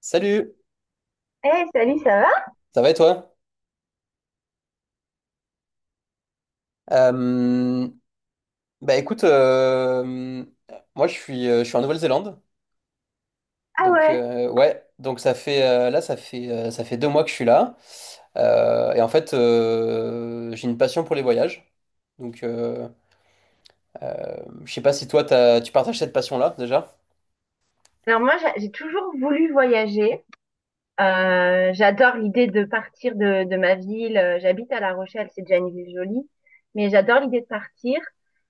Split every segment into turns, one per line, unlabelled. Salut,
Hey, salut, ça va?
ça va et toi? Euh, bah écoute, moi je suis en Nouvelle-Zélande,
Ah
donc
ouais.
ouais, donc ça fait là ça fait 2 mois que je suis là. Et en fait j'ai une passion pour les voyages, donc euh, je sais pas si tu partages cette passion-là déjà.
Alors moi, j'ai toujours voulu voyager. J'adore l'idée de partir de ma ville. J'habite à La Rochelle, c'est déjà une ville jolie. Mais j'adore l'idée de partir.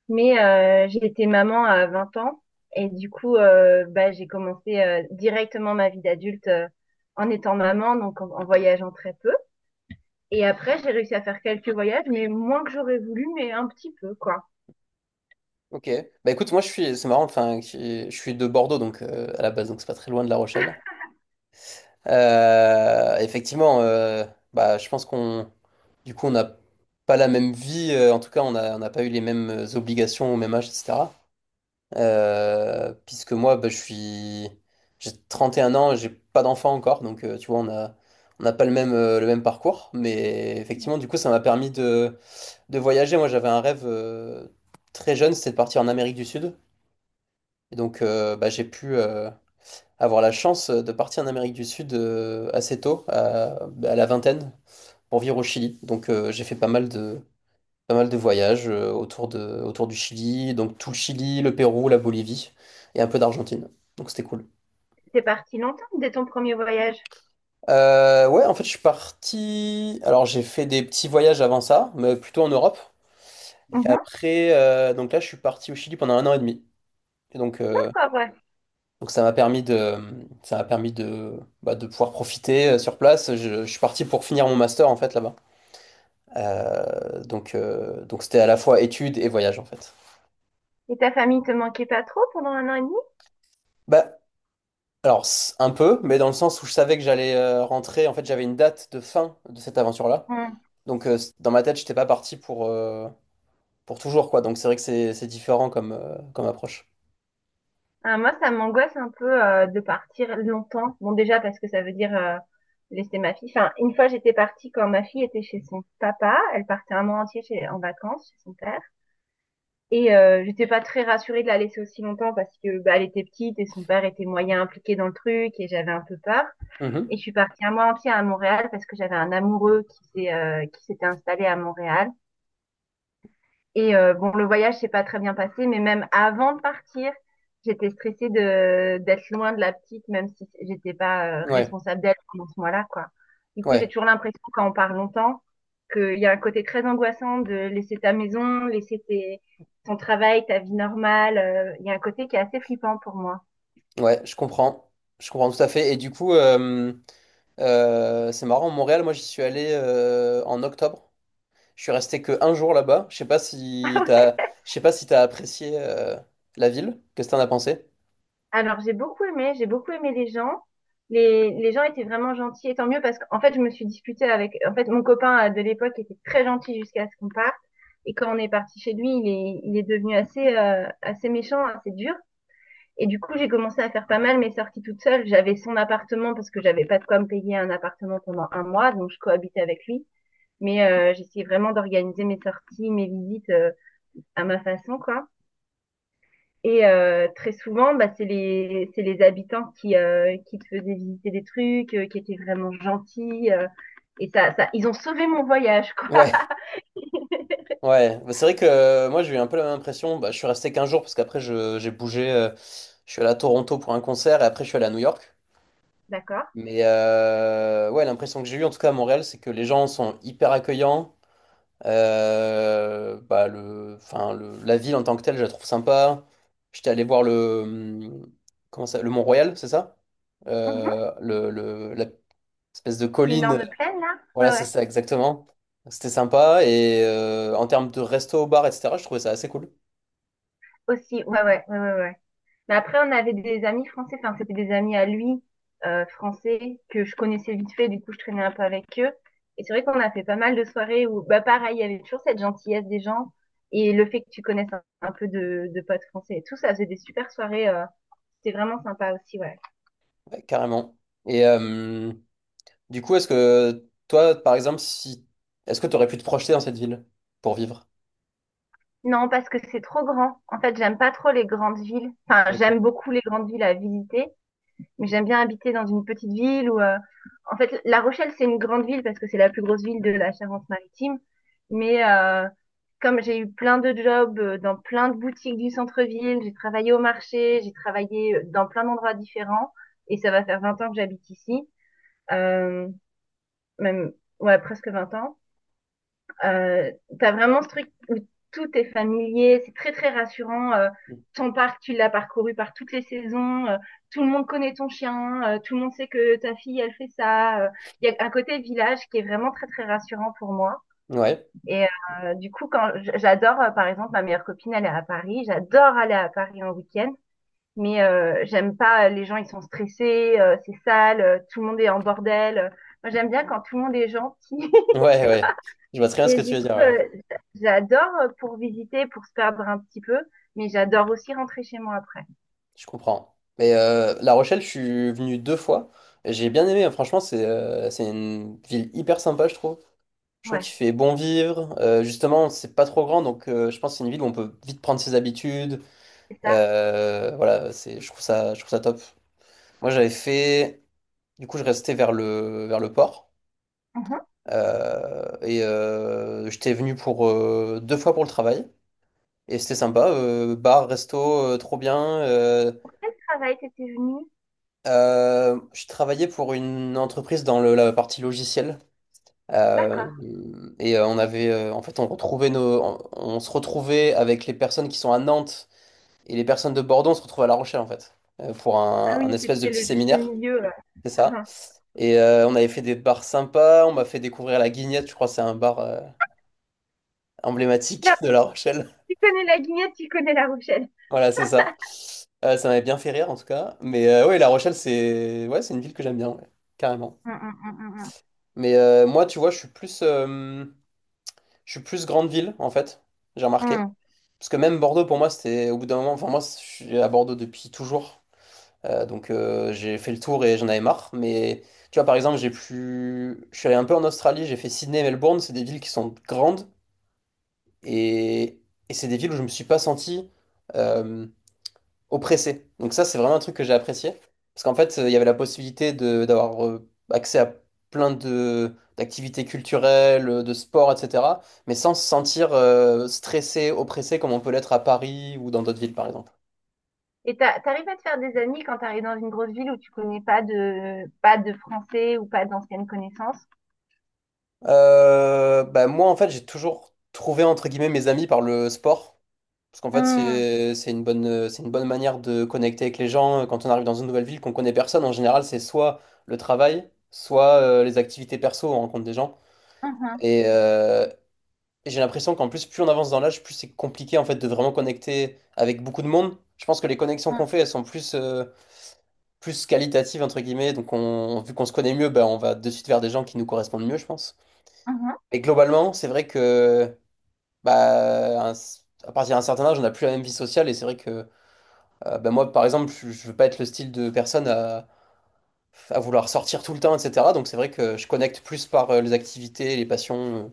Mais j'ai été maman à 20 ans. Et du coup, bah, j'ai commencé directement ma vie d'adulte en étant maman, donc en voyageant très peu. Et après, j'ai réussi à faire quelques voyages, mais moins que j'aurais voulu, mais un petit peu, quoi.
Ok, bah écoute moi je suis, c'est marrant, enfin je suis de Bordeaux donc à la base, donc c'est pas très loin de La Rochelle. Effectivement, bah, je pense qu'on, du coup, on n'a pas la même vie. En tout cas, on n'a pas eu les mêmes obligations au même âge, etc. Puisque moi, bah, j'ai 31 ans, j'ai pas d'enfant encore, donc tu vois, on a, on n'a pas le même, le même parcours. Mais effectivement, du coup, ça m'a permis de voyager. Moi, j'avais un rêve très jeune, c'était de partir en Amérique du Sud. Et donc, bah, j'ai pu. Avoir la chance de partir en Amérique du Sud assez tôt, à la vingtaine, pour vivre au Chili. Donc j'ai fait pas mal de voyages autour autour du Chili, donc tout le Chili, le Pérou, la Bolivie et un peu d'Argentine. Donc c'était cool.
T'es parti longtemps dès ton premier voyage?
Ouais, en fait je suis parti. Alors j'ai fait des petits voyages avant ça, mais plutôt en Europe. Et
Mhm.
après, donc là je suis parti au Chili pendant 1 an et demi. Et donc euh,
D'accord.
Donc ça m'a permis de, bah, de pouvoir profiter sur place. Je suis parti pour finir mon master en fait là-bas. Donc c'était à la fois études et voyage en fait.
Et ta famille te manquait pas trop pendant un an et demi?
Bah, un peu, mais dans le sens où je savais que j'allais rentrer. En fait j'avais une date de fin de cette aventure-là.
Hmm.
Dans ma tête j'étais pas parti pour toujours quoi. Donc c'est vrai que c'est différent comme comme approche.
Ah, moi, ça m'angoisse un peu de partir longtemps. Bon, déjà parce que ça veut dire laisser ma fille. Enfin, une fois, j'étais partie quand ma fille était chez son papa. Elle partait un mois entier en vacances chez son père. Et j'étais pas très rassurée de la laisser aussi longtemps parce que bah, elle était petite et son père était moyen impliqué dans le truc et j'avais un peu peur.
Mhm.
Et je suis partie un mois entier à Montréal parce que j'avais un amoureux qui s'était installé à Montréal. Et bon, le voyage s'est pas très bien passé, mais même avant de partir, j'étais stressée de d'être loin de la petite, même si j'étais pas
Ouais
responsable d'elle pendant ce mois-là, quoi. Du coup, j'ai
ouais
toujours l'impression, quand on part longtemps, qu'il y a un côté très angoissant de laisser ta maison, laisser ton travail, ta vie normale. Il y a un côté qui est assez flippant pour moi.
ouais, je comprends, je comprends tout à fait. Et du coup, c'est marrant, Montréal, moi j'y suis allé en octobre. Je suis resté que un jour là-bas. Je sais pas si t'as apprécié la ville. Qu'est-ce que t'en as pensé?
Alors, j'ai beaucoup aimé les gens. Les gens étaient vraiment gentils, et tant mieux parce qu'en fait, je me suis disputée avec, en fait, mon copain de l'époque était très gentil jusqu'à ce qu'on parte. Et quand on est parti chez lui, il est devenu assez méchant, assez dur. Et du coup, j'ai commencé à faire pas mal mes sorties toute seule. J'avais son appartement parce que j'avais pas de quoi me payer un appartement pendant un mois, donc je cohabitais avec lui. Mais j'essayais vraiment d'organiser mes sorties, mes visites à ma façon, quoi. Et très souvent, bah, c'est les habitants qui te faisaient visiter des trucs, qui étaient vraiment gentils. Et ça, ils ont sauvé mon voyage, quoi.
Ouais, ouais. Bah, c'est vrai que moi j'ai eu un peu la même impression. Bah, je suis resté qu'un jour parce qu'après j'ai bougé. Je suis allé à Toronto pour un concert et après je suis allé à New York.
D'accord.
Mais ouais, l'impression que j'ai eue, en tout cas à Montréal, c'est que les gens sont hyper accueillants. La ville en tant que telle, je la trouve sympa. J'étais allé voir le Mont-Royal, c'est ça?
Mhm.
La espèce de colline,
L'énorme plaine, là? Ouais,
voilà, c'est
ouais.
ça exactement. C'était sympa. Et en termes de resto, bar, etc., je trouvais ça assez cool.
Aussi, ouais, ouais, ouais, ouais, ouais. Mais après, on avait des amis français, enfin, c'était des amis à lui, français, que je connaissais vite fait, du coup, je traînais un peu avec eux. Et c'est vrai qu'on a fait pas mal de soirées où, bah, pareil, il y avait toujours cette gentillesse des gens et le fait que tu connaisses un peu de potes français et tout, ça faisait des super soirées. C'était vraiment sympa aussi, ouais.
Ouais, carrément. Et du coup, est-ce que toi, par exemple, si, est-ce que tu aurais pu te projeter dans cette ville pour vivre?
Non, parce que c'est trop grand. En fait, j'aime pas trop les grandes villes. Enfin,
D'accord.
j'aime beaucoup les grandes villes à visiter, mais j'aime bien habiter dans une petite ville où, en fait, La Rochelle, c'est une grande ville parce que c'est la plus grosse ville de la Charente-Maritime. Mais comme j'ai eu plein de jobs dans plein de boutiques du centre-ville, j'ai travaillé au marché, j'ai travaillé dans plein d'endroits différents, et ça va faire 20 ans que j'habite ici, euh, même ouais, presque 20 ans. Euh, tu as vraiment ce truc où tout est familier, c'est très très rassurant. Ton parc, tu l'as parcouru par toutes les saisons, tout le monde connaît ton chien, tout le monde sait que ta fille, elle fait ça. Il y a un côté village qui est vraiment très très rassurant pour moi.
Ouais,
Et du coup, quand j'adore, par exemple, ma meilleure copine, elle est à Paris, j'adore aller à Paris en week-end. Mais j'aime pas, les gens ils sont stressés, c'est sale, tout le monde est en bordel. Moi j'aime bien quand tout le monde est gentil,
ouais, ouais. Je vois très bien ce
et
que tu
du
veux dire,
coup,
ouais.
j'adore pour visiter, pour se perdre un petit peu, mais j'adore aussi rentrer chez moi après.
Je comprends. Mais La Rochelle, je suis venu deux fois et j'ai bien aimé, hein. Franchement, c'est une ville hyper sympa, je trouve. Je trouve
Ouais,
qu'il fait bon vivre. Justement, c'est pas trop grand, donc je pense que c'est une ville où on peut vite prendre ses habitudes.
c'est ça.
Voilà, c'est, je trouve ça, Je trouve ça top. Moi, j'avais fait... Du coup, je restais vers le port.
Mhm.
J'étais venu pour deux fois pour le travail. Et c'était sympa, bar, resto, trop bien.
Pour quel travail t'étais venue?
Je travaillais pour une entreprise dans la partie logicielle. euh,
D'accord.
on avait, en fait, on se retrouvait avec les personnes qui sont à Nantes et les personnes de Bordeaux, on se retrouvait à La Rochelle, en fait, pour
Ah
un
oui,
espèce de
c'était
petit
le juste
séminaire,
milieu.
c'est ça.
Mhm.
Et on avait fait des bars sympas, on m'a fait découvrir la Guignette, je crois que c'est un bar emblématique
Là,
de La Rochelle.
tu connais la guignette, tu connais la Rochelle.
Voilà, c'est ça. Ça m'avait bien fait rire en tout cas. Mais ouais, La Rochelle, c'est, ouais, c'est une ville que j'aime bien, ouais, carrément.
Mm, mm, mm,
Mais moi, tu vois, je suis plus grande ville en fait, j'ai
mm,
remarqué.
mm. Mm.
Parce que même Bordeaux, pour moi, c'était au bout d'un moment. Enfin, moi, je suis à Bordeaux depuis toujours. J'ai fait le tour et j'en avais marre. Mais tu vois, par exemple, j'ai plus. Je suis allé un peu en Australie, j'ai fait Sydney et Melbourne. C'est des villes qui sont grandes et, et c'est des villes où je me suis pas senti. Euh, oppressé. Donc ça, c'est vraiment un truc que j'ai apprécié. Parce qu'en fait, il y avait la possibilité de d'avoir accès à plein de d'activités culturelles, de sport, etc. Mais sans se sentir stressé, oppressé comme on peut l'être à Paris ou dans d'autres villes, par exemple.
Et t'arrives à te faire des amis quand t'arrives dans une grosse ville où tu connais pas de français ou pas d'anciennes connaissances?
Bah, moi, en fait, j'ai toujours trouvé, entre guillemets, mes amis par le sport. Parce qu'en fait,
Mm.
c'est une bonne manière de connecter avec les gens. Quand on arrive dans une nouvelle ville, qu'on connaît personne, en général, c'est soit le travail, soit les activités perso, on rencontre des gens.
Mhm.
Et j'ai l'impression qu'en plus, plus on avance dans l'âge, plus c'est compliqué en fait de vraiment connecter avec beaucoup de monde. Je pense que les connexions qu'on
Mm.
fait, elles sont plus, plus qualitatives, entre guillemets. Donc, vu qu'on se connaît mieux, bah, on va de suite vers des gens qui nous correspondent mieux, je pense.
Mhm.
Et globalement, c'est vrai que bah, à partir d'un certain âge, on n'a plus la même vie sociale. Et c'est vrai que bah, moi, par exemple, je veux pas être le style de personne à vouloir sortir tout le temps, etc. Donc, c'est vrai que je connecte plus par les activités, les passions.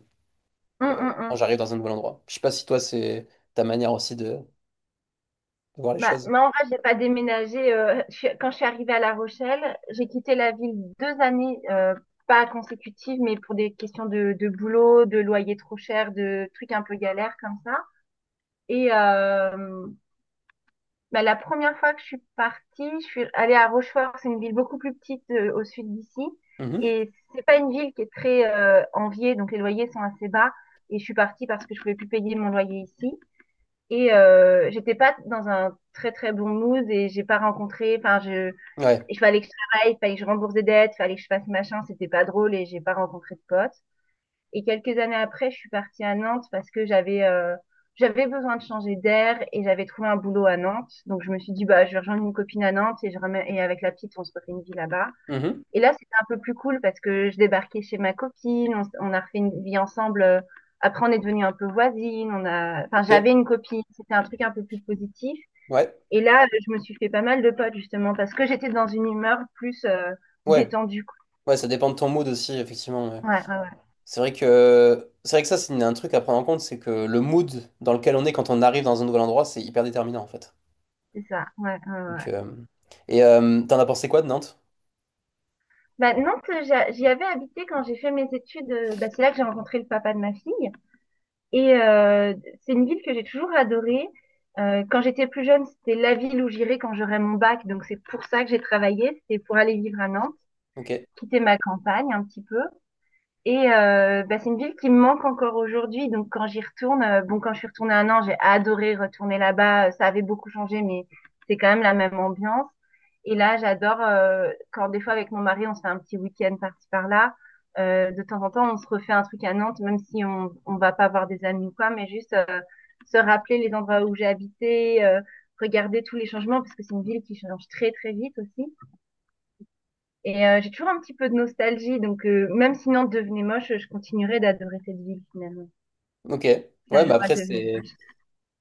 Mm, mm,
Quand
mm.
j'arrive dans un nouvel endroit. Je sais pas si toi, c'est ta manière aussi de voir les
Bah,
choses.
moi, en vrai, j'ai pas déménagé. Quand je suis arrivée à La Rochelle, j'ai quitté la ville 2 années, pas consécutives, mais pour des questions de boulot, de loyer trop cher, de trucs un peu galères comme ça. Et bah, la première fois que je suis partie, je suis allée à Rochefort. C'est une ville beaucoup plus petite au sud d'ici.
Mhm.
Et c'est pas une ville qui est très enviée, donc les loyers sont assez bas. Et je suis partie parce que je pouvais plus payer mon loyer ici. Et j'étais pas dans un très très bon mood et j'ai pas rencontré. Enfin,
Ouais.
il fallait que je travaille, il fallait que je rembourse des dettes, il fallait que je fasse machin. C'était pas drôle et j'ai pas rencontré de potes. Et quelques années après, je suis partie à Nantes parce que j'avais besoin de changer d'air et j'avais trouvé un boulot à Nantes. Donc je me suis dit bah je vais rejoindre une copine à Nantes et et avec la petite on se refait une vie là-bas.
Mhm.
Et là, c'était un peu plus cool parce que je débarquais chez ma copine, on a refait une vie ensemble. Après, on est devenus un peu voisines. Enfin,
Ok.
j'avais une copine. C'était un truc un peu plus positif.
Ouais.
Et là, je me suis fait pas mal de potes justement parce que j'étais dans une humeur plus
Ouais.
détendue, quoi.
Ouais, ça dépend de ton mood aussi, effectivement, ouais.
Ouais, ouais, ouais,
C'est vrai que, c'est vrai que ça, c'est un truc à prendre en compte, c'est que le mood dans lequel on est quand on arrive dans un nouvel endroit, c'est hyper déterminant en fait.
c'est ça. Ouais, ouais, ouais, ouais.
Donc, et t'en as pensé quoi de Nantes?
Bah, Nantes, j'y avais habité quand j'ai fait mes études. Bah, c'est là que j'ai rencontré le papa de ma fille. Et c'est une ville que j'ai toujours adorée. Quand j'étais plus jeune, c'était la ville où j'irais quand j'aurais mon bac. Donc c'est pour ça que j'ai travaillé. C'était pour aller vivre à Nantes,
Ok.
quitter ma campagne un petit peu. Et bah, c'est une ville qui me manque encore aujourd'hui. Donc quand j'y retourne, bon quand je suis retournée à Nantes, j'ai adoré retourner là-bas. Ça avait beaucoup changé, mais c'est quand même la même ambiance. Et là, j'adore quand des fois avec mon mari, on se fait un petit week-end par-ci par-là. De temps en temps, on se refait un truc à Nantes, même si on va pas voir des amis ou quoi, mais juste se rappeler les endroits où j'ai habité, regarder tous les changements parce que c'est une ville qui change très très vite aussi. Et j'ai toujours un petit peu de nostalgie, donc même si Nantes devenait moche, je continuerai d'adorer cette ville finalement.
Ok.
Si un
Ouais, mais
jour elle
après,
devenait
c'est
moche.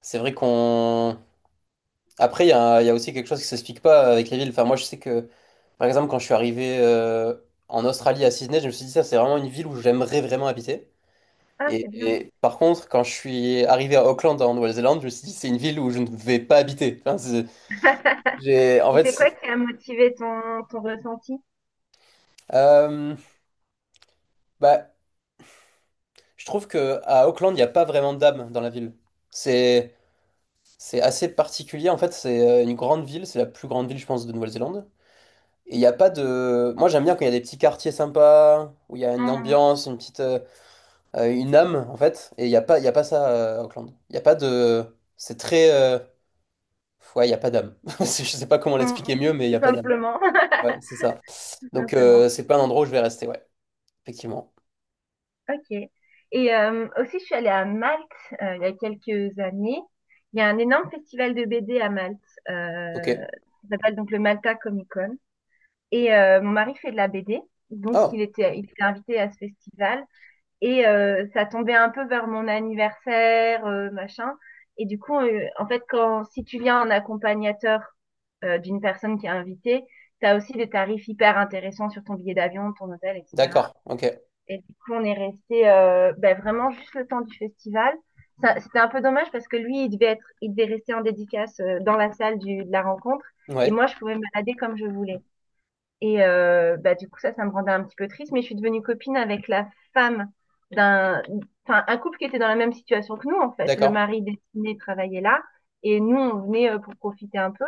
c'est vrai qu'on... Après, il y a aussi quelque chose qui s'explique pas avec les villes. Enfin, moi, je sais que, par exemple, quand je suis arrivé en Australie à Sydney, je me suis dit, ça, c'est vraiment une ville où j'aimerais vraiment habiter.
Ah, c'est bien.
Et par contre, quand je suis arrivé à Auckland, en Nouvelle-Zélande, je me suis dit, c'est une ville où je ne vais pas habiter. Enfin, c'est- j'ai, en
Et
fait,
c'est quoi
c'est-
qui a motivé ton ressenti?
euh, Bah, je trouve que à Auckland, il n'y a pas vraiment d'âme dans la ville. C'est, c'est assez particulier. En fait, c'est une grande ville, c'est la plus grande ville, je pense, de Nouvelle-Zélande. Et il n'y a pas de... Moi j'aime bien quand il y a des petits quartiers sympas, où il y a une
Hum,
ambiance, une petite... une âme en fait. Et il y a pas ça à Auckland. Il n'y a pas de... C'est très... Ouais, il n'y a pas d'âme. Je sais pas comment l'expliquer
hum, hum.
mieux, mais il n'y
Tout
a pas d'âme.
simplement.
Ouais, c'est ça.
Tout
Donc
simplement.
c'est pas un endroit où je vais rester, ouais. Effectivement.
Ok. Et aussi, je suis allée à Malte il y a quelques années. Il y a un énorme festival de BD à Malte.
Ok.
Euh, ça s'appelle donc le Malta Comic Con. Et mon mari fait de la BD. Donc,
Oh,
il était invité à ce festival. Et ça tombait un peu vers mon anniversaire, machin. Et du coup, en fait, quand si tu viens en accompagnateur d'une personne qui est invitée, t'as aussi des tarifs hyper intéressants sur ton billet d'avion, ton hôtel, etc.
d'accord. Ok.
Et du coup, on est resté ben, vraiment juste le temps du festival. C'était un peu dommage parce que lui, il devait rester en dédicace dans la salle de la rencontre. Et
Ouais,
moi, je pouvais me balader comme je voulais. Et bah, du coup, ça me rendait un petit peu triste, mais je suis devenue copine avec la femme d'un, enfin, un couple qui était dans la même situation que nous, en fait. Le
d'accord.
mari destiné travaillait là, et nous, on venait pour profiter un peu.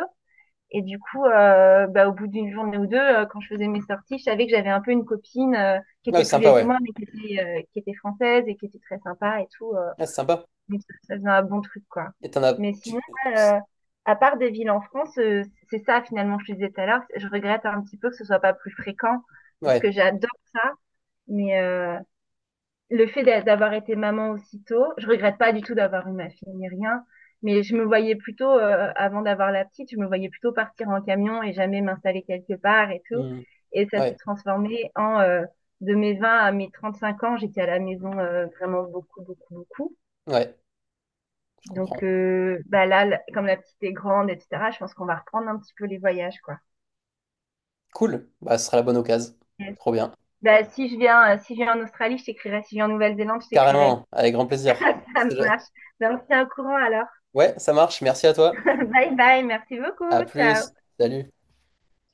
Et du coup, bah, au bout d'une journée ou deux, quand je faisais mes sorties, je savais que j'avais un peu une copine qui
Ouais,
était
c'est
plus
sympa,
vieille que
ouais.
moi, mais qui était française et qui était très sympa et tout.
Ouais, c'est sympa.
Donc, ça faisait un bon truc, quoi.
Et t'en as...
Mais sinon,
tu-
ouais, à part des villes en France, c'est ça finalement, que je disais tout à l'heure, je regrette un petit peu que ce soit pas plus fréquent, parce que
Ouais.
j'adore ça, mais le fait d'avoir été maman aussitôt, je regrette pas du tout d'avoir eu ma fille ni rien, mais je me voyais plutôt, avant d'avoir la petite, je me voyais plutôt partir en camion et jamais m'installer quelque part et tout,
Hmm.
et ça s'est
Ouais.
transformé en de mes 20 à mes 35 ans, j'étais à la maison vraiment beaucoup, beaucoup, beaucoup.
Ouais. Je
Donc
comprends.
bah là, comme la petite est grande, etc., je pense qu'on va reprendre un petit peu les voyages, quoi.
Cool. Bah, ce sera la bonne occasion.
Yes.
Trop bien.
Bah, si je viens en Australie, je t'écrirai. Si je viens en Nouvelle-Zélande, je t'écrirai.
Carrément, avec grand plaisir.
Ça
C'est-
marche. Donc on se au courant alors.
Ouais, ça marche. Merci à toi.
Bye bye, merci
À
beaucoup, ciao.
plus. Salut.